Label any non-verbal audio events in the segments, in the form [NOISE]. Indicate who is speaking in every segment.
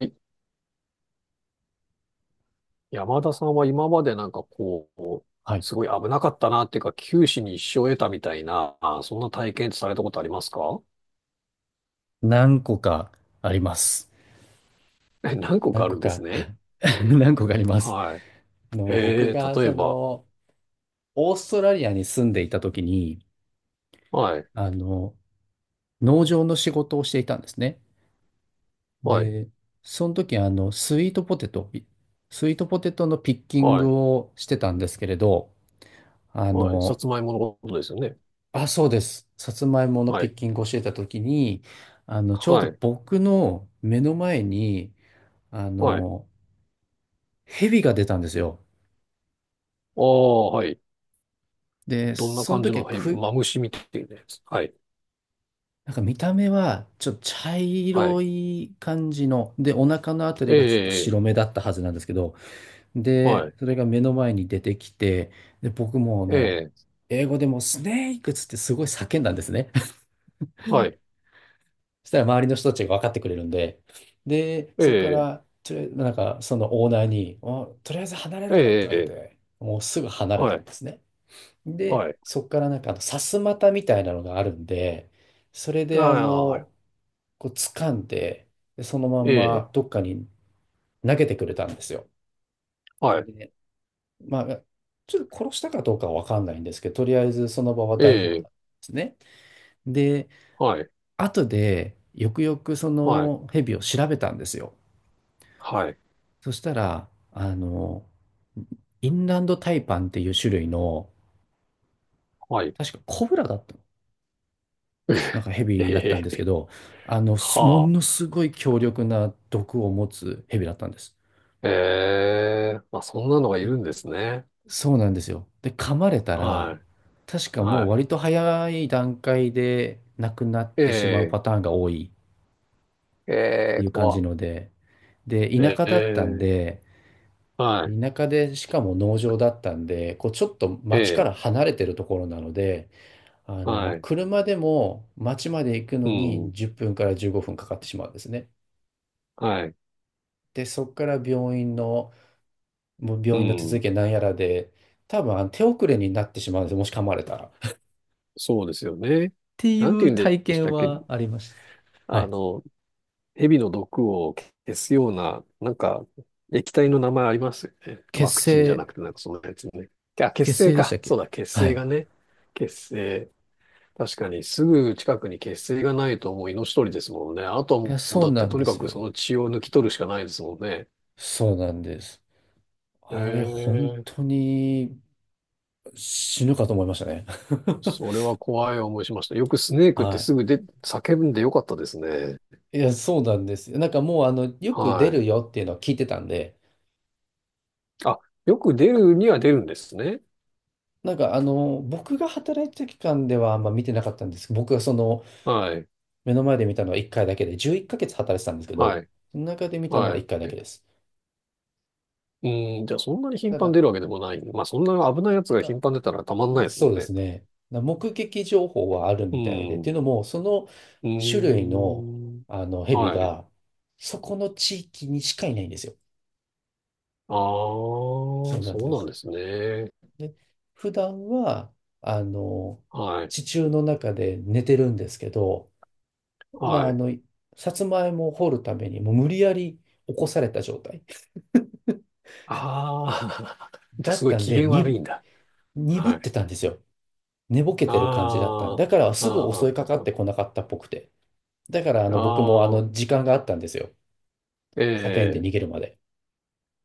Speaker 1: い山田さんは今までなんかこう、
Speaker 2: はい。
Speaker 1: すごい危なかったなっていうか、九死に一生を得たみたいな、そんな体験ってされたことありますか？
Speaker 2: 何個かあります。
Speaker 1: え、何個か
Speaker 2: 何
Speaker 1: ある
Speaker 2: 個
Speaker 1: んです
Speaker 2: か
Speaker 1: ね。
Speaker 2: [LAUGHS] 何個かあります。
Speaker 1: はい。
Speaker 2: 僕が、
Speaker 1: 例えば？
Speaker 2: オーストラリアに住んでいた時に、
Speaker 1: はい。
Speaker 2: あの、農場の仕事をしていたんですね。
Speaker 1: はい。
Speaker 2: で、その時、スイートポテトのピッキン
Speaker 1: はい。
Speaker 2: グをしてたんですけれど、あ
Speaker 1: はい、さ
Speaker 2: の、
Speaker 1: つまいものことですよね。
Speaker 2: あ、そうです。さつまいもの
Speaker 1: は
Speaker 2: ピッ
Speaker 1: い。
Speaker 2: キングをしてた時に、ちょうど
Speaker 1: はい。
Speaker 2: 僕の目の前に、あ
Speaker 1: はい。
Speaker 2: の、蛇が出たんですよ。
Speaker 1: ああ、はい。
Speaker 2: で、
Speaker 1: どんな
Speaker 2: その
Speaker 1: 感じ
Speaker 2: 時
Speaker 1: の、
Speaker 2: は
Speaker 1: はい、
Speaker 2: く、
Speaker 1: マムシみたいなやつ。はい。
Speaker 2: なんか見た目はちょっと茶
Speaker 1: は
Speaker 2: 色
Speaker 1: い。
Speaker 2: い感じの、で、お腹のあたり
Speaker 1: え
Speaker 2: がちょっと
Speaker 1: え。
Speaker 2: 白目だったはずなんですけど、で、
Speaker 1: はい。
Speaker 2: それが目の前に出てきて、で、僕も
Speaker 1: ええ。
Speaker 2: 英語でもうスネークっつってすごい叫んだんですね。[LAUGHS]
Speaker 1: はい。
Speaker 2: そしたら周りの人たちが分かってくれるんで、で、
Speaker 1: え
Speaker 2: そこか
Speaker 1: え。
Speaker 2: ら、とりあえずなんかそのオーナーに、とりあえず離れ
Speaker 1: え
Speaker 2: ろって言われ
Speaker 1: え。
Speaker 2: て、もうすぐ離れ
Speaker 1: は
Speaker 2: たん
Speaker 1: い。
Speaker 2: ですね。で、
Speaker 1: はい。
Speaker 2: そこからなんかさすまたみたいなのがあるんで、それで
Speaker 1: ああ。
Speaker 2: こう掴んで、でそのま
Speaker 1: え
Speaker 2: ん
Speaker 1: え。
Speaker 2: まどっかに投げてくれたんですよ。
Speaker 1: はい。
Speaker 2: で、まあ、ちょっと殺したかどうかはわかんないんですけど、とりあえずその場は大丈夫なん
Speaker 1: え
Speaker 2: で
Speaker 1: え、
Speaker 2: すね。で、
Speaker 1: はい。
Speaker 2: 後でよくよくそ
Speaker 1: はい。
Speaker 2: のヘビを調べたんですよ。
Speaker 1: はい。
Speaker 2: そしたら、インランドタイパンっていう種類の、
Speaker 1: はい。
Speaker 2: 確かコブラだったの。なんかヘビだったん
Speaker 1: え
Speaker 2: ですけ
Speaker 1: え。
Speaker 2: ど、
Speaker 1: は
Speaker 2: もの
Speaker 1: あ。
Speaker 2: すごい強力な毒を持つヘビだったんです。
Speaker 1: ええ、まあ、そんなのがい
Speaker 2: で
Speaker 1: るんですね。
Speaker 2: そうなんですよ。で、噛まれた
Speaker 1: は
Speaker 2: ら、確
Speaker 1: い。
Speaker 2: かもう
Speaker 1: は
Speaker 2: 割と早い段階で亡くなってしまう
Speaker 1: い。え
Speaker 2: パタ
Speaker 1: え、
Speaker 2: ーンが多いっ
Speaker 1: え
Speaker 2: て
Speaker 1: え、
Speaker 2: いう感
Speaker 1: 怖
Speaker 2: じ
Speaker 1: っ。
Speaker 2: ので、で、田舎だったん
Speaker 1: ええ。
Speaker 2: で、
Speaker 1: は
Speaker 2: 田舎でしかも農場だったんで、こうちょっと町か
Speaker 1: い。え
Speaker 2: ら
Speaker 1: え。
Speaker 2: 離れてるところなので、
Speaker 1: はい。
Speaker 2: 車でも町まで行く
Speaker 1: う
Speaker 2: の
Speaker 1: ん。
Speaker 2: に10分から15分かかってしまうんですね。
Speaker 1: はい。
Speaker 2: で、そこから病院の、もう
Speaker 1: う
Speaker 2: 病院の手
Speaker 1: ん。
Speaker 2: 続きなんやらで、多分手遅れになってしまうんですよ、もし噛まれたら。
Speaker 1: そうですよね。
Speaker 2: てい
Speaker 1: なんて
Speaker 2: う
Speaker 1: 言うんで
Speaker 2: 体
Speaker 1: し
Speaker 2: 験
Speaker 1: たっけ？
Speaker 2: はありました。は
Speaker 1: あ
Speaker 2: い。
Speaker 1: の、蛇の毒を消すような、なんか、液体の名前ありますよね。
Speaker 2: 結
Speaker 1: ワクチンじゃ
Speaker 2: 成、
Speaker 1: なくて、なんかそのやつね。あ、血
Speaker 2: 結
Speaker 1: 清
Speaker 2: 成でしたっ
Speaker 1: か。そ
Speaker 2: け。
Speaker 1: うだ、血
Speaker 2: は
Speaker 1: 清
Speaker 2: い。
Speaker 1: がね。血清。確かに、すぐ近くに血清がないともう命取りですもんね。あとは
Speaker 2: いや、
Speaker 1: もう、
Speaker 2: そう
Speaker 1: だっ
Speaker 2: な
Speaker 1: て
Speaker 2: ん
Speaker 1: と
Speaker 2: で
Speaker 1: にか
Speaker 2: す
Speaker 1: くそ
Speaker 2: よ。
Speaker 1: の血を抜き取るしかないですもんね。
Speaker 2: そうなんです。
Speaker 1: え
Speaker 2: あれ、本
Speaker 1: え。
Speaker 2: 当に死ぬかと思いましたね。
Speaker 1: それは怖い思いしました。よくスネー
Speaker 2: [LAUGHS]
Speaker 1: クって
Speaker 2: は
Speaker 1: すぐで、叫んでよかったですね。
Speaker 2: い。いや、そうなんですよ。なんかもう、よく出
Speaker 1: はい。
Speaker 2: るよっていうのは聞いてたんで、
Speaker 1: あ、よく出るには出るんですね。
Speaker 2: なんか、僕が働いてた期間ではあんま見てなかったんですけど、僕が
Speaker 1: はい。
Speaker 2: 目の前で見たのは1回だけで、11ヶ月働いてたんですけ
Speaker 1: は
Speaker 2: ど、
Speaker 1: い。
Speaker 2: その中で見たのは
Speaker 1: は
Speaker 2: 1回だけ
Speaker 1: い。
Speaker 2: です。
Speaker 1: うん、じゃあそんなに頻
Speaker 2: た
Speaker 1: 繁に
Speaker 2: だ、
Speaker 1: 出るわけでもない。まあそんな危ないやつ
Speaker 2: なん
Speaker 1: が
Speaker 2: か、
Speaker 1: 頻繁に出たらたまんないです
Speaker 2: そ
Speaker 1: もん
Speaker 2: うで
Speaker 1: ね。
Speaker 2: すね。目撃情報はある
Speaker 1: う
Speaker 2: みたいで、って
Speaker 1: ん。
Speaker 2: いうのも、その種類
Speaker 1: う
Speaker 2: の、
Speaker 1: ん。
Speaker 2: あの蛇
Speaker 1: はい。
Speaker 2: が、そこの地域にしかいないんですよ。
Speaker 1: ああ、
Speaker 2: そう
Speaker 1: そ
Speaker 2: なん
Speaker 1: う
Speaker 2: で
Speaker 1: なん
Speaker 2: す。
Speaker 1: ですね。
Speaker 2: で、普段は、あの、
Speaker 1: はい。
Speaker 2: 地中の中で寝てるんですけど、まあ、
Speaker 1: はい。
Speaker 2: さつまいもを掘るために、もう無理やり起こされた状態
Speaker 1: ああ、[LAUGHS] じゃあ
Speaker 2: だ
Speaker 1: す
Speaker 2: っ
Speaker 1: ごい
Speaker 2: たん
Speaker 1: 機
Speaker 2: で、
Speaker 1: 嫌悪いんだ。
Speaker 2: 鈍っ
Speaker 1: はい。
Speaker 2: てたんですよ。寝ぼけてる感じだったん
Speaker 1: あ
Speaker 2: でだから、
Speaker 1: あ。あ
Speaker 2: すぐ襲いかかってこ
Speaker 1: あ。
Speaker 2: なかったっぽくて。だから
Speaker 1: あ
Speaker 2: 僕もあ
Speaker 1: あ。
Speaker 2: の時間があったんですよ。
Speaker 1: え
Speaker 2: 叫んで
Speaker 1: え。
Speaker 2: 逃げるまで。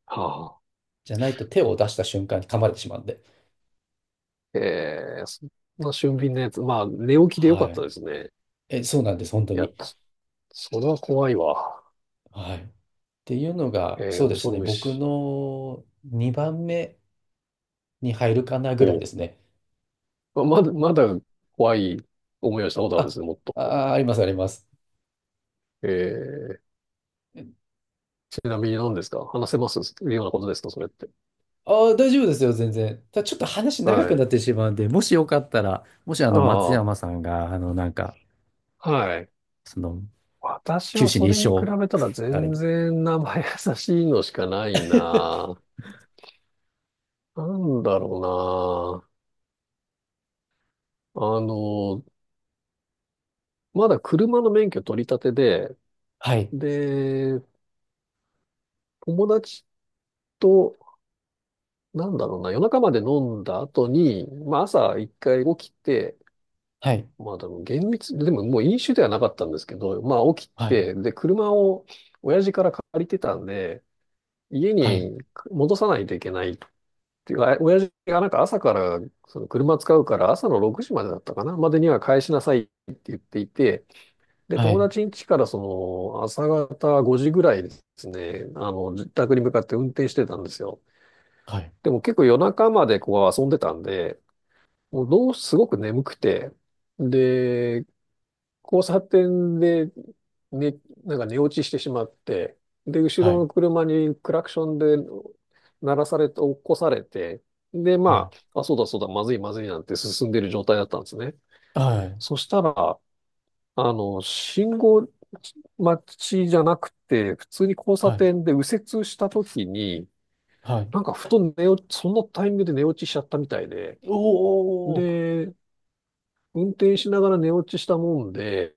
Speaker 1: はあ。
Speaker 2: じゃないと手を出した瞬間に噛まれてしまうんで。
Speaker 1: ええ、そんな俊敏なやつ。まあ、寝起きでよ
Speaker 2: は
Speaker 1: かった
Speaker 2: い。
Speaker 1: ですね。
Speaker 2: え、そうなんです、本当
Speaker 1: いや、
Speaker 2: に。
Speaker 1: それは怖いわ。
Speaker 2: はい。っていうのが、
Speaker 1: ええ、
Speaker 2: そうで
Speaker 1: 恐
Speaker 2: す
Speaker 1: る
Speaker 2: ね、
Speaker 1: べ
Speaker 2: 僕
Speaker 1: し。
Speaker 2: の2番目に入るかなぐら
Speaker 1: お
Speaker 2: いで
Speaker 1: う、
Speaker 2: すね。
Speaker 1: まだ、まだ怖い思いをしたことあるんで
Speaker 2: あ、
Speaker 1: すね、もっと。
Speaker 2: あ、あります、あります。
Speaker 1: ええ、ちなみに何ですか？話せますようなことですかそれって。
Speaker 2: ああ、大丈夫ですよ、全然。ただちょっと話長
Speaker 1: は
Speaker 2: くな
Speaker 1: い。
Speaker 2: ってしまうんで、もしよかったら、もし
Speaker 1: あ
Speaker 2: 松
Speaker 1: あ、
Speaker 2: 山さんが、なんか、
Speaker 1: はい。
Speaker 2: その、
Speaker 1: 私
Speaker 2: 九
Speaker 1: は
Speaker 2: 死
Speaker 1: そ
Speaker 2: に
Speaker 1: れ
Speaker 2: 一
Speaker 1: に比
Speaker 2: 生
Speaker 1: べたら
Speaker 2: があれ
Speaker 1: 全
Speaker 2: ば。
Speaker 1: 然名前優しいのしかないな。なんだろうな。あの、まだ車の免許取り立てで、
Speaker 2: はい、
Speaker 1: で、友達と、なんだろうな、夜中まで飲んだ後に、まあ朝一回起きて、
Speaker 2: はい、
Speaker 1: まあでも厳密、でももう飲酒ではなかったんですけど、まあ起き
Speaker 2: はい、
Speaker 1: て、で、車を親父から借りてたんで、家
Speaker 2: はい、
Speaker 1: に戻さないといけないっていうか、親父がなんか朝から、その車使うから朝の6時までだったかな、までには返しなさいって言っていて、で、
Speaker 2: は
Speaker 1: 友
Speaker 2: い、
Speaker 1: 達ん家からその朝方5時ぐらいですね、あの、自宅に向かって運転してたんですよ。
Speaker 2: はい。
Speaker 1: でも結構夜中までこう遊んでたんで、もうどう、すごく眠くて、で、交差点で、ね、なんか寝落ちしてしまって、で、後
Speaker 2: は
Speaker 1: ろ
Speaker 2: い、
Speaker 1: の車にクラクションで鳴らされて、起こされて、で、
Speaker 2: は
Speaker 1: ま
Speaker 2: い、
Speaker 1: あ、あ、そうだそうだ、まずいまずいなんて進んでる状態だったんですね。
Speaker 2: はい、
Speaker 1: そしたら、あの、信号待ちじゃなくて、普通に交差
Speaker 2: はい、
Speaker 1: 点で右折した時に、
Speaker 2: はい。
Speaker 1: なんかふと寝落ち、そのタイミングで寝落ちしちゃったみたいで、
Speaker 2: おー、
Speaker 1: で、運転しながら寝落ちしたもんで、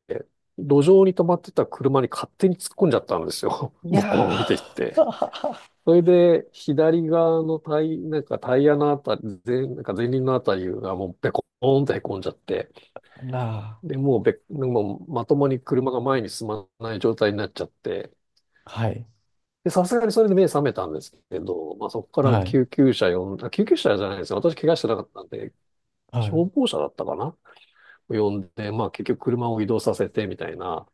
Speaker 1: 路上に止まってた車に勝手に突っ込んじゃったんですよ。[LAUGHS]
Speaker 2: い
Speaker 1: ボ
Speaker 2: や
Speaker 1: コーンって言って。
Speaker 2: ー、
Speaker 1: それで、左側のタイ、なんかタイヤのあたり、なんか前輪のあたりがもうベコーンって凹んじゃって、
Speaker 2: [LAUGHS] な
Speaker 1: で、もうまともに車が前に進まない状態になっちゃって、
Speaker 2: あ、はい、
Speaker 1: で、さすがにそれで目覚めたんですけど、まあ、そこから
Speaker 2: はい、
Speaker 1: 救急車じゃないですよ。私怪我してなかったんで、
Speaker 2: はい、
Speaker 1: 消防車だったかな呼んで、まあ結局車を移動させてみたいな、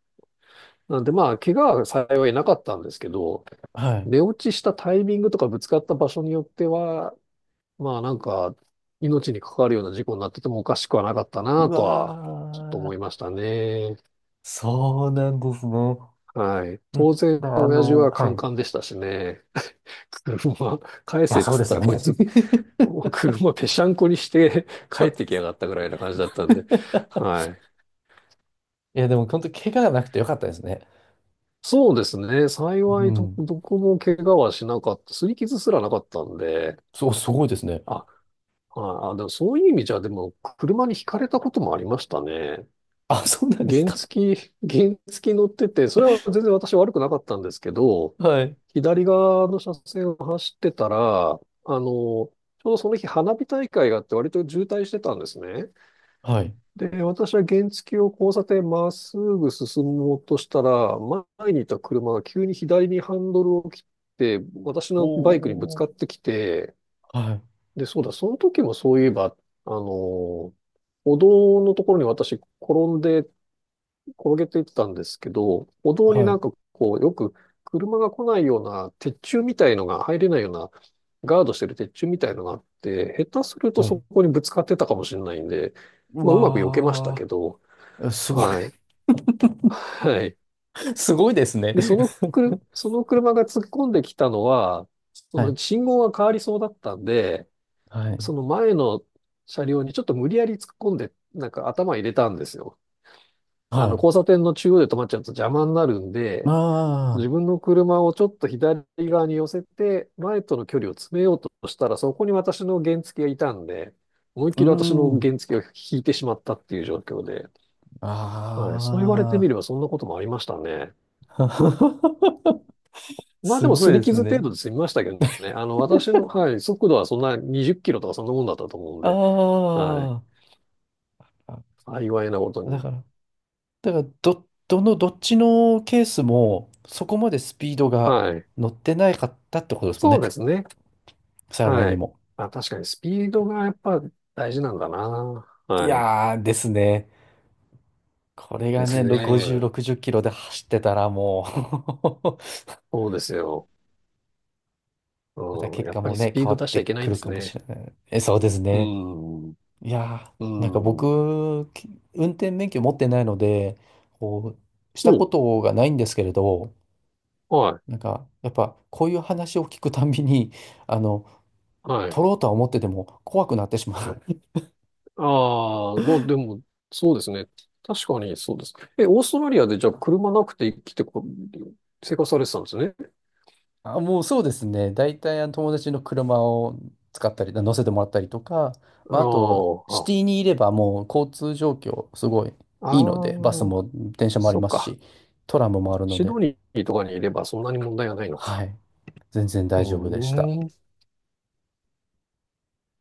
Speaker 1: なんでまあ、怪我は幸いなかったんですけど、
Speaker 2: はい。
Speaker 1: 寝落ちしたタイミングとかぶつかった場所によっては、まあなんか、命に関わるような事故になっててもおかしくはなかった
Speaker 2: う
Speaker 1: なとは、ちょっと
Speaker 2: わ
Speaker 1: 思いま
Speaker 2: ー、
Speaker 1: したね。
Speaker 2: そうなんですね。
Speaker 1: はい。
Speaker 2: うん、
Speaker 1: 当然、
Speaker 2: だから
Speaker 1: 親父はカ
Speaker 2: はい。
Speaker 1: ン
Speaker 2: い
Speaker 1: カンでしたしね。[LAUGHS] 車、返
Speaker 2: や、
Speaker 1: せっ
Speaker 2: そう
Speaker 1: つっ
Speaker 2: です
Speaker 1: た
Speaker 2: よ
Speaker 1: らこい
Speaker 2: ね。
Speaker 1: つ、
Speaker 2: [LAUGHS]
Speaker 1: 車ぺしゃんこにして帰
Speaker 2: そ
Speaker 1: っ
Speaker 2: う
Speaker 1: て
Speaker 2: で
Speaker 1: きや
Speaker 2: す。
Speaker 1: がったぐらいな感じだったんで。は
Speaker 2: [LAUGHS]
Speaker 1: い。
Speaker 2: いや、でも本当、怪我がなくてよかったですね。
Speaker 1: そうですね。
Speaker 2: う
Speaker 1: 幸いど、
Speaker 2: ん。
Speaker 1: どこも怪我はしなかった。擦り傷すらなかったんで。
Speaker 2: そう、すごいですね。
Speaker 1: あ、ああ、でもそういう意味じゃ、でも、車にひかれたこともありましたね。
Speaker 2: あ、そうなんです
Speaker 1: 原
Speaker 2: か。
Speaker 1: 付き、[LAUGHS] 原付き乗ってて、それは全然私悪くなかったんですけど、
Speaker 2: [LAUGHS] はい。
Speaker 1: 左側の車線を走ってたら、あの、ちょうどその日花火大会があって割と渋滞してたんですね。
Speaker 2: はい。
Speaker 1: で、私は原付を交差点まっすぐ進もうとしたら、前にいた車が急に左にハンドルを切って、私のバイクにぶつ
Speaker 2: お
Speaker 1: かっ
Speaker 2: ー。
Speaker 1: てきて、
Speaker 2: はい。
Speaker 1: で、そうだ、その時もそういえば、あの歩道のところに私転んで、転げていってたんですけど、歩道に
Speaker 2: は
Speaker 1: なん
Speaker 2: い。
Speaker 1: かこう、よく車が来ないような鉄柱みたいのが入れないような、ガードしてる鉄柱みたいのがあって、下手すると
Speaker 2: は
Speaker 1: そ
Speaker 2: い。
Speaker 1: こにぶつかってたかもしれないんで、
Speaker 2: う
Speaker 1: まあ、うまく避けましたけ
Speaker 2: わ
Speaker 1: ど、
Speaker 2: ー。すごい。
Speaker 1: はい。はい。
Speaker 2: [LAUGHS] すごいですね。
Speaker 1: で、そのくる、その車が突っ込んできたのは、
Speaker 2: [LAUGHS]
Speaker 1: そ
Speaker 2: は
Speaker 1: の
Speaker 2: い。
Speaker 1: 信号が変わりそうだったんで、
Speaker 2: は
Speaker 1: そ
Speaker 2: い。
Speaker 1: の前の車両にちょっと無理やり突っ込んで、なんか頭入れたんですよ。あ
Speaker 2: は
Speaker 1: の、
Speaker 2: い。
Speaker 1: 交差点の中央で止まっちゃうと邪魔になるんで、
Speaker 2: あ
Speaker 1: 自
Speaker 2: あ、
Speaker 1: 分の車をちょっと左側に寄せて、前との距離を詰めようとしたら、そこに私の原付がいたんで、思いっ
Speaker 2: うー
Speaker 1: きり私の
Speaker 2: ん。
Speaker 1: 原付を引いてしまったっていう状況で、はい、そう言われてみ
Speaker 2: あ
Speaker 1: ればそんなこともありましたね。
Speaker 2: あ。[LAUGHS]
Speaker 1: まあで
Speaker 2: す
Speaker 1: も
Speaker 2: ご
Speaker 1: 擦
Speaker 2: い
Speaker 1: り
Speaker 2: です
Speaker 1: 傷程
Speaker 2: ね。
Speaker 1: 度で済みましたけどね。あの、私の、はい、速度はそんな20キロとかそんなもんだったと思うんで、
Speaker 2: あ
Speaker 1: はい、
Speaker 2: あ。
Speaker 1: 幸いなこと
Speaker 2: だ
Speaker 1: に。
Speaker 2: から、だから、どっちのケースも、そこまでスピードが
Speaker 1: はい。
Speaker 2: 乗ってないかったってことですもん
Speaker 1: そう
Speaker 2: ね。
Speaker 1: ですね。
Speaker 2: 幸い
Speaker 1: は
Speaker 2: に
Speaker 1: い。
Speaker 2: も。
Speaker 1: あ、確かにスピードがやっぱ大事なんだな。
Speaker 2: い
Speaker 1: はい。
Speaker 2: やーですね。これ
Speaker 1: で
Speaker 2: が
Speaker 1: す
Speaker 2: ね、50、
Speaker 1: ね。
Speaker 2: 60キロで走ってたらもう [LAUGHS]
Speaker 1: そうですよ。
Speaker 2: また
Speaker 1: うん。
Speaker 2: 結
Speaker 1: やっ
Speaker 2: 果
Speaker 1: ぱ
Speaker 2: も
Speaker 1: りス
Speaker 2: ね、
Speaker 1: ピー
Speaker 2: 変わ
Speaker 1: ド
Speaker 2: っ
Speaker 1: 出しちゃ
Speaker 2: て
Speaker 1: いけな
Speaker 2: く
Speaker 1: いんで
Speaker 2: る
Speaker 1: す
Speaker 2: かもし
Speaker 1: ね。
Speaker 2: れない。え、そうです
Speaker 1: う
Speaker 2: ね。
Speaker 1: ん。う
Speaker 2: いやー、なんか
Speaker 1: ん。
Speaker 2: 僕、運転免許持ってないので、こう、したこ
Speaker 1: お、
Speaker 2: とがないんですけれど、
Speaker 1: は
Speaker 2: なん
Speaker 1: い。
Speaker 2: か、やっぱ、こういう話を聞くたんびに、[LAUGHS] あの、
Speaker 1: はい。
Speaker 2: 取ろうとは思ってても怖くなってしまう。[LAUGHS]
Speaker 1: ああ、まあでも、そうですね。確かにそうですね。え、オーストラリアでじゃあ車なくて生きてこ、生活されてたんですね。
Speaker 2: あ、もうそうですね。大体、友達の車を使ったり、乗せてもらったりとか、まあ、あと、
Speaker 1: ああ。
Speaker 2: シティにいればもう交通状況、すごい
Speaker 1: あ
Speaker 2: いいので、バス
Speaker 1: あ、
Speaker 2: も電車もあり
Speaker 1: そっ
Speaker 2: ます
Speaker 1: か。
Speaker 2: し、トラムもあるの
Speaker 1: シ
Speaker 2: で、
Speaker 1: ドニーとかにいればそんなに問題はないのか。
Speaker 2: はい、全然
Speaker 1: う
Speaker 2: 大丈夫でした。
Speaker 1: ーん。